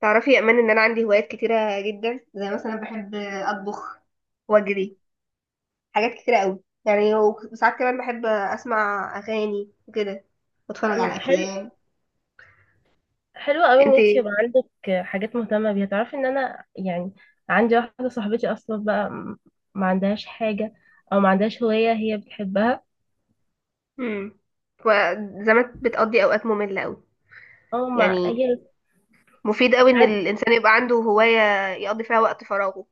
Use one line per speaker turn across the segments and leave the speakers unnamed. تعرفي يا امان ان انا عندي هوايات كتيره جدا، زي مثلا بحب اطبخ واجري حاجات كتيره قوي يعني، وساعات كمان بحب اسمع اغاني وكده واتفرج
مم.
على
حلو.
افلام.
حلو قوي ان
انت
انت يبقى عندك حاجات مهتمه بيها. تعرفي ان انا يعني عندي واحده صاحبتي اصلا بقى ما عندهاش حاجه، او ما عندهاش هوايه هي بتحبها.
امم. وزمان بتقضي اوقات ممله قوي،
او ما
يعني
هي
مفيد قوي ان
ساعات.
الانسان يبقى عنده هوايه يقضي فيها وقت فراغه.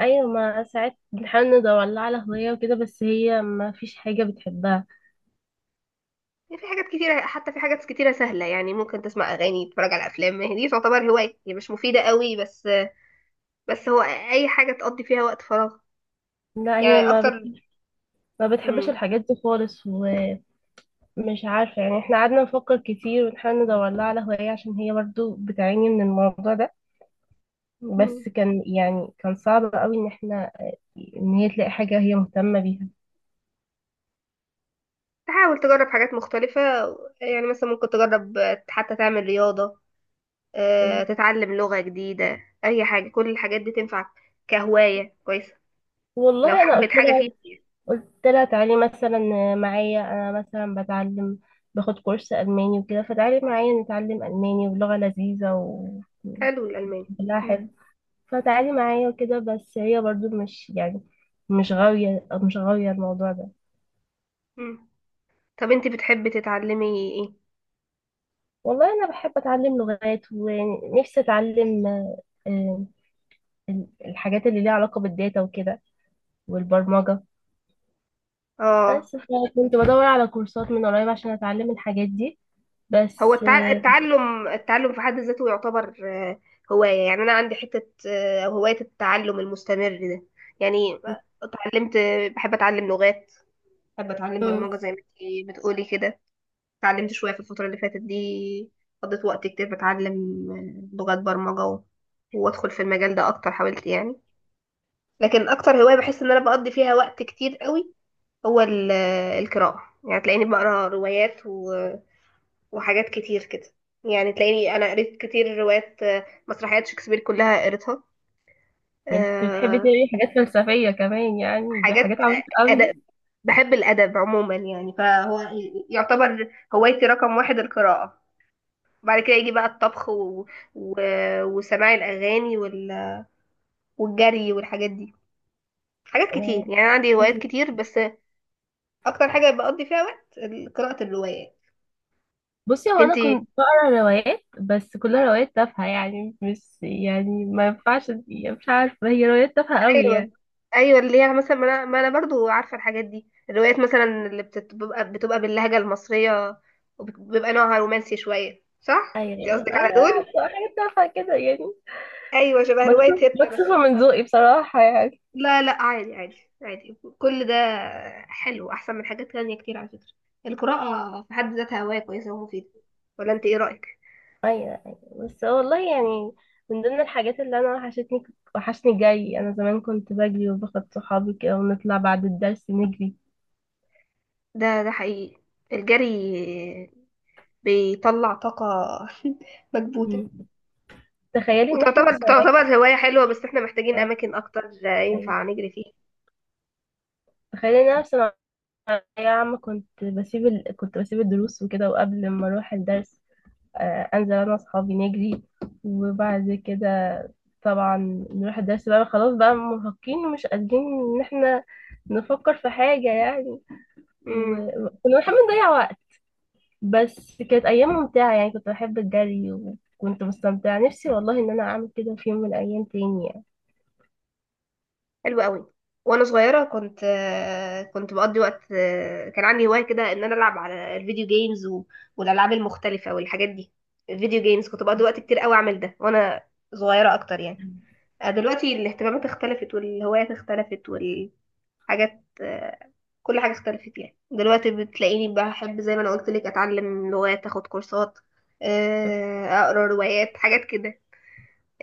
ايوه، ما ساعات بنحاول ندور لها على هوايه وكده، بس هي ما فيش حاجه بتحبها.
يعني في حاجات كتيره، حتى في حاجات كتيره سهله، يعني ممكن تسمع اغاني، تتفرج على افلام. ما هي دي تعتبر هوايه، هي مش مفيده قوي بس هو اي حاجه تقضي فيها وقت فراغ
لا، هي
يعني اكتر.
ما بتحبش
مم.
الحاجات دي خالص، ومش عارفه يعني. احنا قعدنا نفكر كتير ونحاول ندور لها على هوايه عشان هي برضو بتعاني من الموضوع ده.
مم.
بس كان صعب قوي ان هي تلاقي حاجة هي مهتمة بيها.
تحاول تجرب حاجات مختلفة. يعني مثلا ممكن تجرب حتى تعمل رياضة. تتعلم لغة جديدة. أي حاجة، كل الحاجات دي تنفعك كهواية كويسة لو
والله انا
حبت
قلت
حاجة
لها
فيه.
قلت لها تعالي مثلا معايا. انا مثلا بتعلم، باخد كورس الماني وكده، فتعالي معايا نتعلم الماني، ولغة لذيذة و
حلو الألماني.
كلها حلو.
مم.
فتعالي معايا وكده، بس هي برضو مش يعني مش غاوية الموضوع ده.
مم. طب أنت بتحبي تتعلمي إيه؟
والله انا بحب اتعلم لغات، ونفسي اتعلم آه، الحاجات اللي ليها علاقة بالداتا وكده، والبرمجة.
آه
بس كنت بدور على كورسات من قريب عشان اتعلم الحاجات دي
هو
بس
التع- التعلم التعلم في حد ذاته يعتبر هواية. يعني أنا عندي حتة هواية التعلم المستمر ده يعني. اتعلمت، بحب أتعلم لغات، بحب أتعلم
مم.
برمجة زي ما أنت بتقولي كده. اتعلمت شوية في الفترة اللي فاتت دي، قضيت وقت كتير بتعلم لغات برمجة وادخل في المجال ده اكتر، حاولت يعني. لكن اكتر هواية بحس ان انا بقضي فيها وقت كتير قوي هو القراءة. يعني تلاقيني بقرا روايات وحاجات كتير كده. يعني تلاقيني انا قريت كتير روايات، مسرحيات شكسبير كلها قريتها.
انت بتحبي
آه،
تقري حاجات فلسفية كمان؟ يعني دي
حاجات
حاجات عميقة قوي.
أدب. بحب الأدب عموما يعني، فهو يعتبر هوايتي رقم واحد القراءة. وبعد كده يجي بقى الطبخ و... وسماع الاغاني والجري والحاجات دي. حاجات
آه،
كتير يعني، انا عندي
مم.
هوايات كتير بس. اكتر حاجه بقضي فيها وقت قراءه الروايات.
بصي هو انا
انتي؟
كنت بقرا روايات، بس كلها روايات تافهة يعني، مش يعني ما ينفعش، يعني مش عارفة، هي روايات تافهة قوي
ايوه،
يعني.
ايوه اللي هي مثلا ما انا برضو عارفه الحاجات دي، الروايات مثلا اللي بتبقى باللهجه المصريه، وبيبقى نوعها رومانسي شويه. صح، انت
ايوه،
قصدك على
ايوه،
دول؟
عارفة، حاجات تافهة كده يعني.
ايوه، شبه روايه
مكسوفة
هبته مثلا.
مكسوفة من ذوقي بصراحة يعني.
لا لا عادي عادي عادي كل ده. حلو، احسن من حاجات تانية كتير على فكرة. القراءة في حد ذاتها هواية كويسة ومفيدة، ولا انت ايه رأيك؟
ايوه، ايوه، بس والله يعني، من ضمن الحاجات اللي انا وحشتني، وحشني جري. انا زمان كنت بجري وباخد صحابي كده، ونطلع بعد الدرس نجري.
ده حقيقي، الجري بيطلع طاقة مكبوتة.
مم. تخيلي ان احنا في
وتعتبر
ثانوية.
تعتبر هواية حلوة، بس احنا محتاجين
اه
اماكن اكتر ينفع
تخيلي
نجري فيها.
تخيلي ان انا في ثانوية عامة، كنت بسيب الدروس وكده، وقبل ما اروح الدرس، انزل انا واصحابي نجري. وبعد كده طبعا نروح الدرس، بقى خلاص بقى مرهقين ومش قادرين ان احنا نفكر في حاجة يعني،
مم.
وكنا بنحب نضيع وقت. بس كانت ايام ممتعه يعني، كنت بحب الجري وكنت مستمتعه، نفسي والله ان انا اعمل كده في يوم من الايام تاني يعني.
حلو قوي. وانا صغيره كنت، كنت بقضي وقت، كان عندي هوايه كده ان انا العب على الفيديو جيمز والالعاب المختلفه والحاجات دي. الفيديو جيمز كنت بقضي وقت كتير قوي اعمل ده وانا صغيره اكتر يعني. دلوقتي الاهتمامات اختلفت والهوايات اختلفت والحاجات، كل حاجه اختلفت يعني. دلوقتي بتلاقيني بحب زي ما انا قلت لك اتعلم لغات، اخد كورسات، اقرا روايات حاجات كده.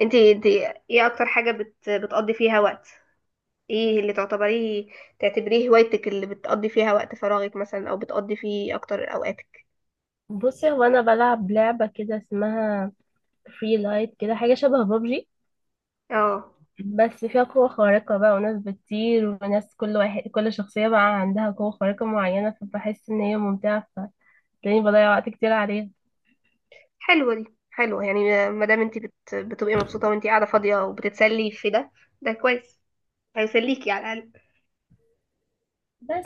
انتي ايه اكتر حاجه بتقضي فيها وقت، ايه اللي تعتبريه هوايتك اللي بتقضي فيها وقت فراغك مثلا، او بتقضي فيه اكتر اوقاتك؟
بصي هو انا بلعب لعبه كده اسمها فري لايت، كده حاجه شبه بابجي،
اه،
بس فيها قوة خارقة بقى، وناس بتطير، وناس كل شخصية بقى عندها قوة خارقة معينة، فبحس إن هي ممتعة، فتلاقيني بضيع وقت كتير عليها.
حلوه دي، حلوه يعني ما دام انت بتبقي مبسوطه وانت قاعده فاضيه وبتتسلي في ده، ده كويس، هيسليكي على الاقل.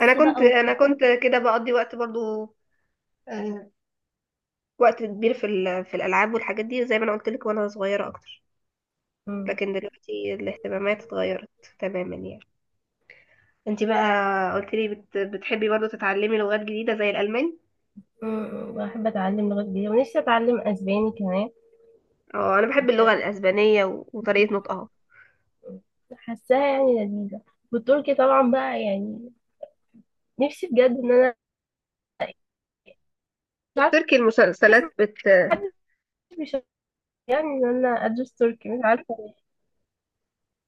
انا كنت
بقى
انا كنت كده بقضي وقت برضو، آه، وقت كبير في الالعاب والحاجات دي زي ما انا قلت لك وانا صغيره اكتر.
مم.
لكن دلوقتي الاهتمامات اتغيرت تماما يعني. انت بقى قلت لي بتحبي برضو تتعلمي لغات جديده زي الالماني.
مم. بحب أتعلم لغات جديدة، ونفسي أتعلم أسباني كمان،
اه، انا بحب اللغة الاسبانية وطريقة نطقها.
حاساها يعني لذيذة. والتركي طبعا بقى يعني، نفسي بجد ان انا مش عارفه،
التركي،
بس
المسلسلات
محدش بيشجعني ان انا ادرس تركي، مش عارفه ليه.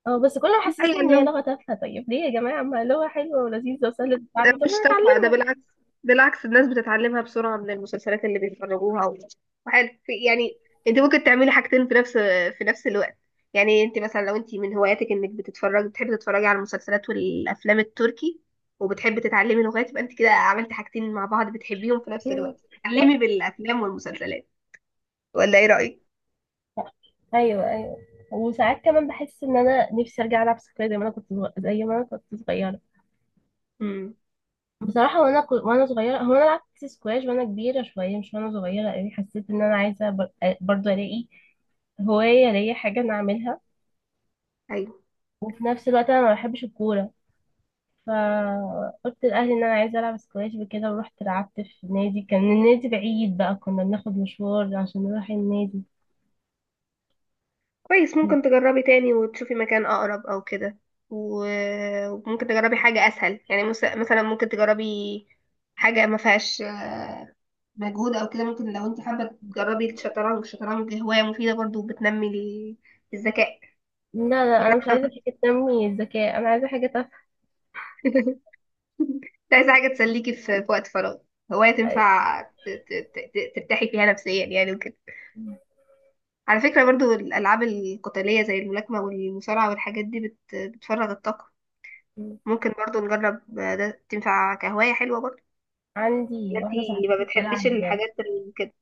اه بس كله
هي
محسسني ان هي
اللغة.
لغه تافهه. طيب ليه يا جماعه؟ ما لغه حلوه ولذيذه وسهله
أنا
التعلم، طب
مش
ما
تافهة ده،
نتعلمها.
بالعكس. بالعكس الناس بتتعلمها بسرعة من المسلسلات اللي بيتفرجوها وحاجة يعني، انت ممكن تعملي حاجتين في نفس الوقت. يعني انت مثلا لو انت من هواياتك انك بتتفرجي، بتحبي تتفرجي على المسلسلات والافلام التركي، وبتحبي تتعلمي لغات، يبقى انت كده عملتي حاجتين مع بعض بتحبيهم في نفس
يعني
الوقت،
صح.
تتعلمي بالافلام والمسلسلات. ولا ايه رأيك؟
ايوه، ايوه. وساعات كمان بحس ان انا نفسي ارجع العب سكواش زي ما انا كنت صغيره.
امم،
بصراحه وانا صغيره، هو انا لعبت سكواش وانا كبيره شويه، مش وانا صغيره قوي. حسيت ان انا عايزه برضه الاقي هوايه ليا، حاجه انا اعملها، وفي نفس الوقت انا ما بحبش الكوره. فقلت لأهلي إن أنا عايزة ألعب سكواش وكده، ورحت لعبت في نادي، كان النادي بعيد بقى، كنا بناخد مشوار عشان نروح النادي.
كويس. ممكن تجربي تاني وتشوفي مكان أقرب أو كده، وممكن تجربي حاجة أسهل يعني. مثلا ممكن تجربي حاجة ما فيهاش مجهود أو كده. ممكن لو أنت حابة تجربي الشطرنج، الشطرنج هواية مفيدة برضو وبتنمي الذكاء
لا، لا، أنا مش
يعني.
عايزة حاجة تنمي الذكاء، أنا عايزة حاجة تفهم.
أنت عايزة حاجة تسليكي في وقت فراغ، هواية تنفع ترتاحي فيها نفسيا يعني وكده. على فكرة برضو الألعاب القتالية زي الملاكمة والمصارعة والحاجات دي بتفرغ الطاقة. ممكن برضو نجرب ده، تنفع كهواية حلوة برضو،
عندي
إن
واحدة
انتي ما
صاحبتي
بتحبيش
بتلعب.
الحاجات كده.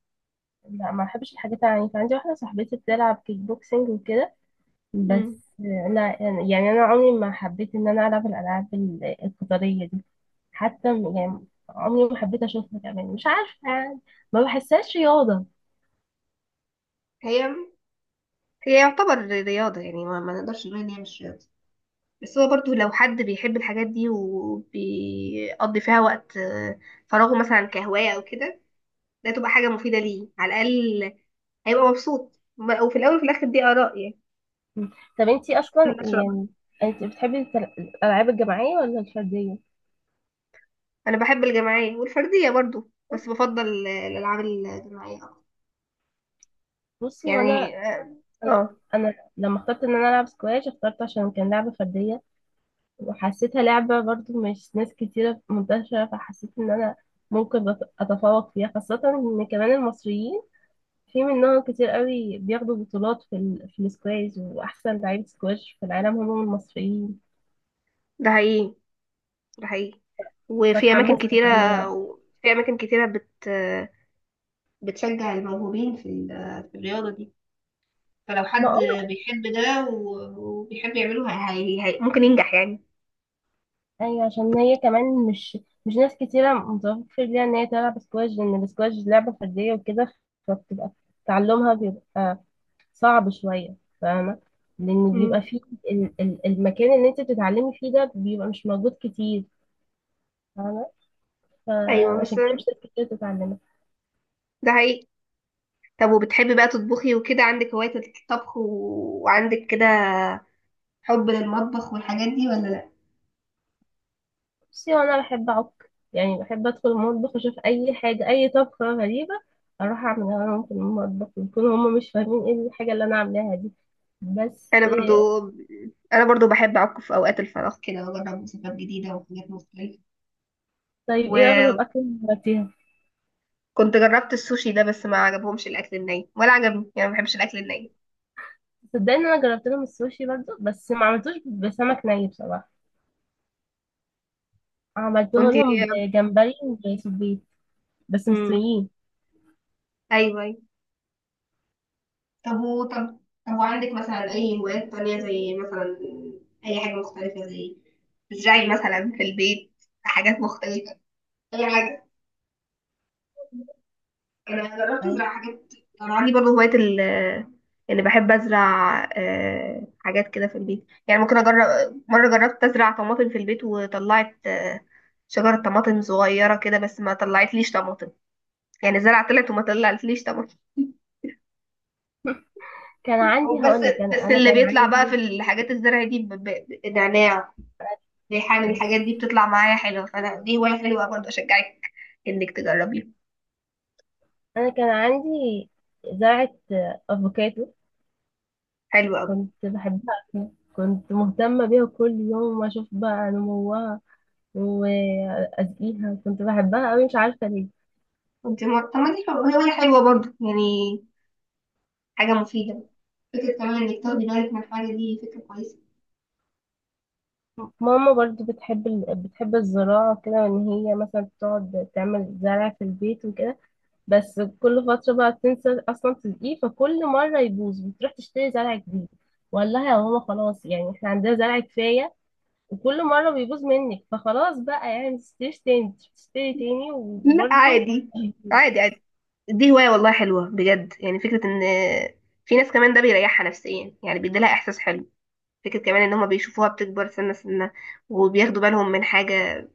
لا، ما بحبش الحاجات العنيفة. عندي واحدة صاحبتي بتلعب كيك بوكسينج وكده،
مم.
بس أنا يعني أنا عمري ما حبيت إن أنا ألعب الألعاب القتالية دي، حتى يعني عمري ما حبيت أشوفها كمان، مش عارفة يعني، ما بحسهاش رياضة.
هي هي يعتبر رياضة يعني، ما نقدرش نقول ان هي مش رياضة. بس هو برضو لو حد بيحب الحاجات دي وبيقضي فيها وقت فراغه مثلا كهواية او كده، ده تبقى حاجة مفيدة ليه على الأقل. هيبقى مبسوط وفي الأول وفي الآخر دي آراء يعني،
مم. طب انتي
مش
اصلا
كل الناس شبه بعض.
يعني انتي بتحبي الالعاب الجماعيه ولا الفرديه؟
أنا بحب الجماعية والفردية برضو، بس بفضل الألعاب الجماعية أكتر
بصي هو انا
يعني، اه.
انا
آه،
أنا لما اخترت ان انا العب سكواش، اخترت عشان كان لعبه فرديه، وحسيتها لعبه برضو مش ناس كتيره منتشره، فحسيت ان انا ممكن اتفوق فيها، خاصه ان كمان المصريين في منهم كتير قوي بياخدوا بطولات في السكواش، واحسن لعيبه سكواش في العالم هم المصريين،
ده حقيقي، ده حقيقي، وفي أماكن
فاتحمست ان
كتيرة.
انا العب.
في أماكن كتيرة بتشجع الموهوبين في الرياضة دي. فلو
ما
حد بيحب ده وبيحب يعمله، ممكن ينجح يعني.
ايوه، عشان هي كمان مش ناس كتيره متوفر ليها ان هي تلعب سكواش، لان السكواش لعبه فرديه وكده، فبتبقى تعلمها بيبقى صعب شويه، فاهمه؟ لان بيبقى
مم.
فيه المكان اللي انت بتتعلمي فيه ده بيبقى مش موجود كتير، فاهمه؟
أيوة بس
فعشان كده مش ناس كتير بتتعلمها.
ده حقيقي. طب وبتحبي بقى تطبخي وكده؟ عندك هواية الطبخ وعندك كده حب للمطبخ والحاجات دي ولا لأ؟
بصي انا بحب اعك يعني، بحب ادخل المطبخ اشوف اي حاجه، اي طبخه غريبه اروح اعملها لهم في المطبخ، يكونوا هم مش فاهمين ايه الحاجه اللي انا عاملاها دي بس.
أنا برضو أنا برضو بحب أعك في أوقات الفراغ كده وأجرب وصفات جديدة وحاجات مختلفة
طيب ايه
و...
اغرب اكل جربتيها؟
كنت جربت السوشي ده، بس ما عجبهمش الاكل الني ولا عجبني يعني، ما بحبش الاكل الني.
صدقني انا جربت لهم السوشي برضو، بس ما عملتوش بسمك ني بصراحه، عملته
كنت
لهم بجمبري وسبيط، بس
امم،
مستويين.
ايوه ايوه. طب و طب طب وعندك مثلا اي هوايات تانية؟ زي مثلا اي حاجه مختلفه، زي تزرعي مثلا في البيت حاجات مختلفه، اي حاجه. انا جربت
أيوة.
ازرع حاجات. انا عندي برضه هوايه يعني بحب ازرع حاجات كده في البيت، يعني ممكن اجرب. مره جربت ازرع طماطم في البيت وطلعت شجره طماطم صغيره كده، بس ما طلعتليش طماطم يعني. زرع طلعت وما طلعتليش طبعا.
كان عندي
بس
هقول لك انا
بس
انا
اللي بيطلع بقى في الحاجات الزرع دي نعناع، ريحان، الحاجات دي بتطلع معايا حلوة. فانا دي هواية حلوة برضه، اشجعك انك تجربيها.
كان عندي زرعه افوكادو.
حلوة قوي.
كنت بحبها أوي. كنت مهتمه بيها كل يوم، واشوف بقى نموها واسقيها، كنت بحبها قوي مش عارفه ليه.
انت ما، طب ما دي هواية حلوة برضه يعني، حاجة مفيدة. فكرة كمان انك تاخدي بالك من الحاجة دي، فكرة كويسة.
ماما برضو بتحب الزراعة كده، ان هي مثلا تقعد تعمل زرع في البيت وكده، بس كل فترة بقى تنسى اصلا تسقيه، فكل مرة يبوظ بتروح تشتري زرع جديد. والله يا ماما خلاص، يعني احنا عندنا زرع كفاية، وكل مرة بيبوظ منك فخلاص بقى، يعني متشتريش تاني، تشتري تاني
لا
وبرضو.
عادي عادي عادي. دي هواية والله حلوة بجد يعني. فكرة ان في ناس كمان ده بيريحها نفسيا يعني، بيديلها احساس حلو. فكرة كمان ان هما بيشوفوها بتكبر سنة سنة، وبياخدوا بالهم من حاجة،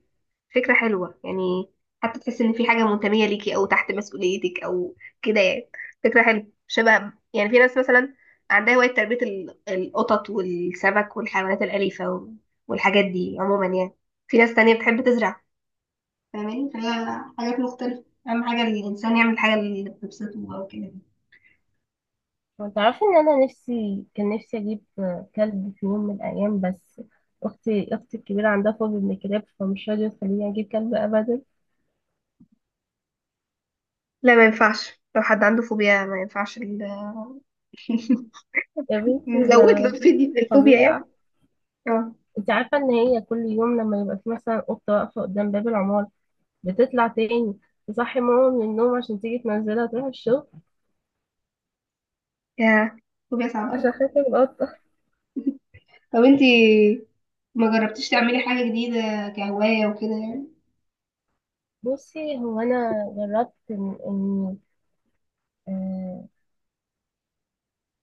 فكرة حلوة يعني. حتى تحس ان في حاجة منتمية ليكي او تحت مسؤوليتك او كده يعني، فكرة حلوة. شبه يعني في ناس مثلا عندها هواية تربية القطط والسمك والحيوانات الأليفة والحاجات دي عموما يعني. في ناس تانية بتحب تزرع، فاهماني؟ فهي حاجات مختلفة، أهم حاجة الإنسان يعمل الحاجة اللي بتبسطه أو كده.
تعرفي ان انا كان نفسي اجيب كلب في يوم من الايام، بس اختي الكبيرة عندها فوبيا من الكلاب، فمش راضية تخليني اجيب كلب ابدا.
لا ما ينفعش لو حد عنده فوبيا، ما ينفعش
يا بنتي
نزود له
ده
الفوبيا يعني.
فظيعة.
اه.
انت عارفة ان هي كل يوم لما يبقى في مثلا قطة واقفة قدام باب العمارة، بتطلع تاني تصحي ماما من النوم عشان تيجي تنزلها تروح الشغل،
يا فوبيا صعبة أوي.
عشان خاطر القطة.
طب انتي، ما جربتيش تعملي حاجة جديدة كهواية وكده يعني؟
بصي هو انا جربت إن آه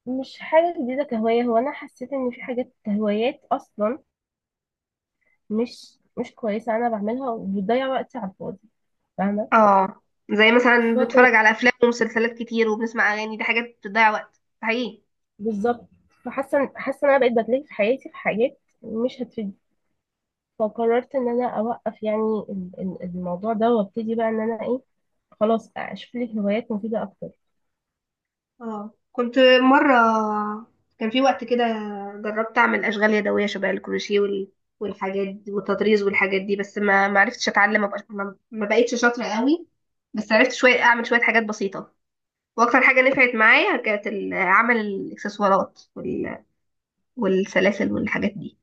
مش حاجة جديدة كهواية، هو انا حسيت ان في حاجات هوايات اصلا مش كويسة انا بعملها، وبتضيع وقتي على الفاضي، فاهمة؟
اه، زي مثلا بتفرج
فوق
على افلام ومسلسلات كتير وبنسمع اغاني، دي حاجات بتضيع وقت حقيقي.
بالظبط. فحاسة ان انا بقيت بتلاقي في حياتي في حاجات مش هتفيدني، فقررت ان انا اوقف يعني الموضوع ده، وابتدي بقى ان انا ايه، خلاص اشوف لي هوايات مفيده اكتر.
اه، كنت مرة، كان في وقت كده جربت أعمل أشغال يدوية شبه الكروشيه والحاجات دي والتطريز والحاجات دي، بس ما عرفتش أتعلم، ما بقاش- ما ما بقيتش شاطرة قوي. بس عرفت شوية أعمل شوية حاجات بسيطة. وأكتر حاجة نفعت معايا كانت عمل الإكسسوارات والسلاسل والحاجات دي،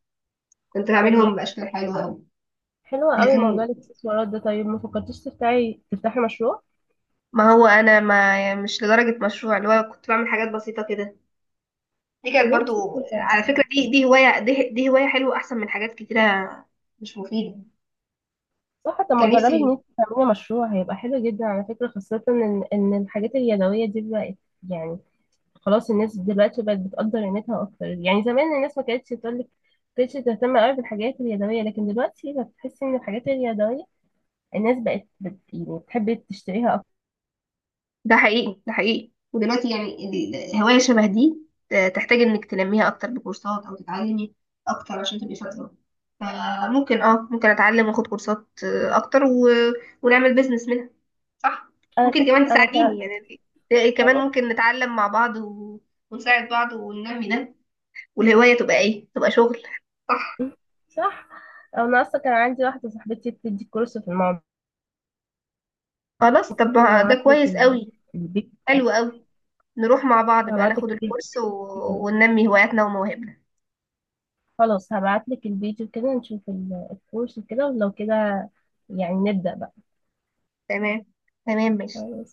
كنت
لما،
بعملهم بأشكال حلوة أوي.
حلوه قوي موضوع
لكن،
الاكسسوارات ده. طيب ما فكرتيش تفتحي مشروع
ما هو انا ما يعني مش لدرجة مشروع، اللي هو كنت بعمل حاجات بسيطة كده، دي
يا
كانت برضو.
بنتي كده؟
على فكرة دي هواية دي هواية حلوة، احسن من حاجات كتيرة مش مفيدة.
صح. طب ما
كان
جربي ان
نفسي.
انت تعملي مشروع، هيبقى حلو جدا على فكره، خاصه ان الحاجات اليدويه دي بقت يعني خلاص. الناس دلوقتي بقت بتقدر قيمتها اكتر. يعني زمان الناس ما كانتش تقول لك، كانتش تهتم قوي بالحاجات اليدويه، لكن دلوقتي بتحسي ان الحاجات اليدويه الناس بقت يعني بتحب تشتريها اكتر.
ده حقيقي، ده حقيقي، ودلوقتي يعني هواية شبه دي تحتاج انك تنميها اكتر بكورسات او تتعلمي أكتر عشان تبقي شاطرة. فممكن اه، ممكن اتعلم واخد كورسات اكتر ونعمل بيزنس منها. صح.
انا ك...
ممكن كمان
انا ك...
تساعديني يعني، كمان
خلاص.
ممكن نتعلم مع بعض ونساعد بعض وننمي ده، والهواية تبقى ايه؟ تبقى شغل. صح.
صح. او انا اصلا كان عندي واحده صاحبتي بتدي كورس في الموضوع،
خلاص طب
ممكن
ما
ابعت
ده
لك
كويس قوي.
البيج
حلو
بتاعك.
قوي، نروح مع بعض بقى
ابعت لك
ناخد
البيج.
الكورس وننمي هواياتنا ومواهبنا.
خلاص، هبعت لك الفيديو كده نشوف الكورس وكده، ولو كده يعني نبدأ بقى.
تمام، تمام، ماشي.
خلاص.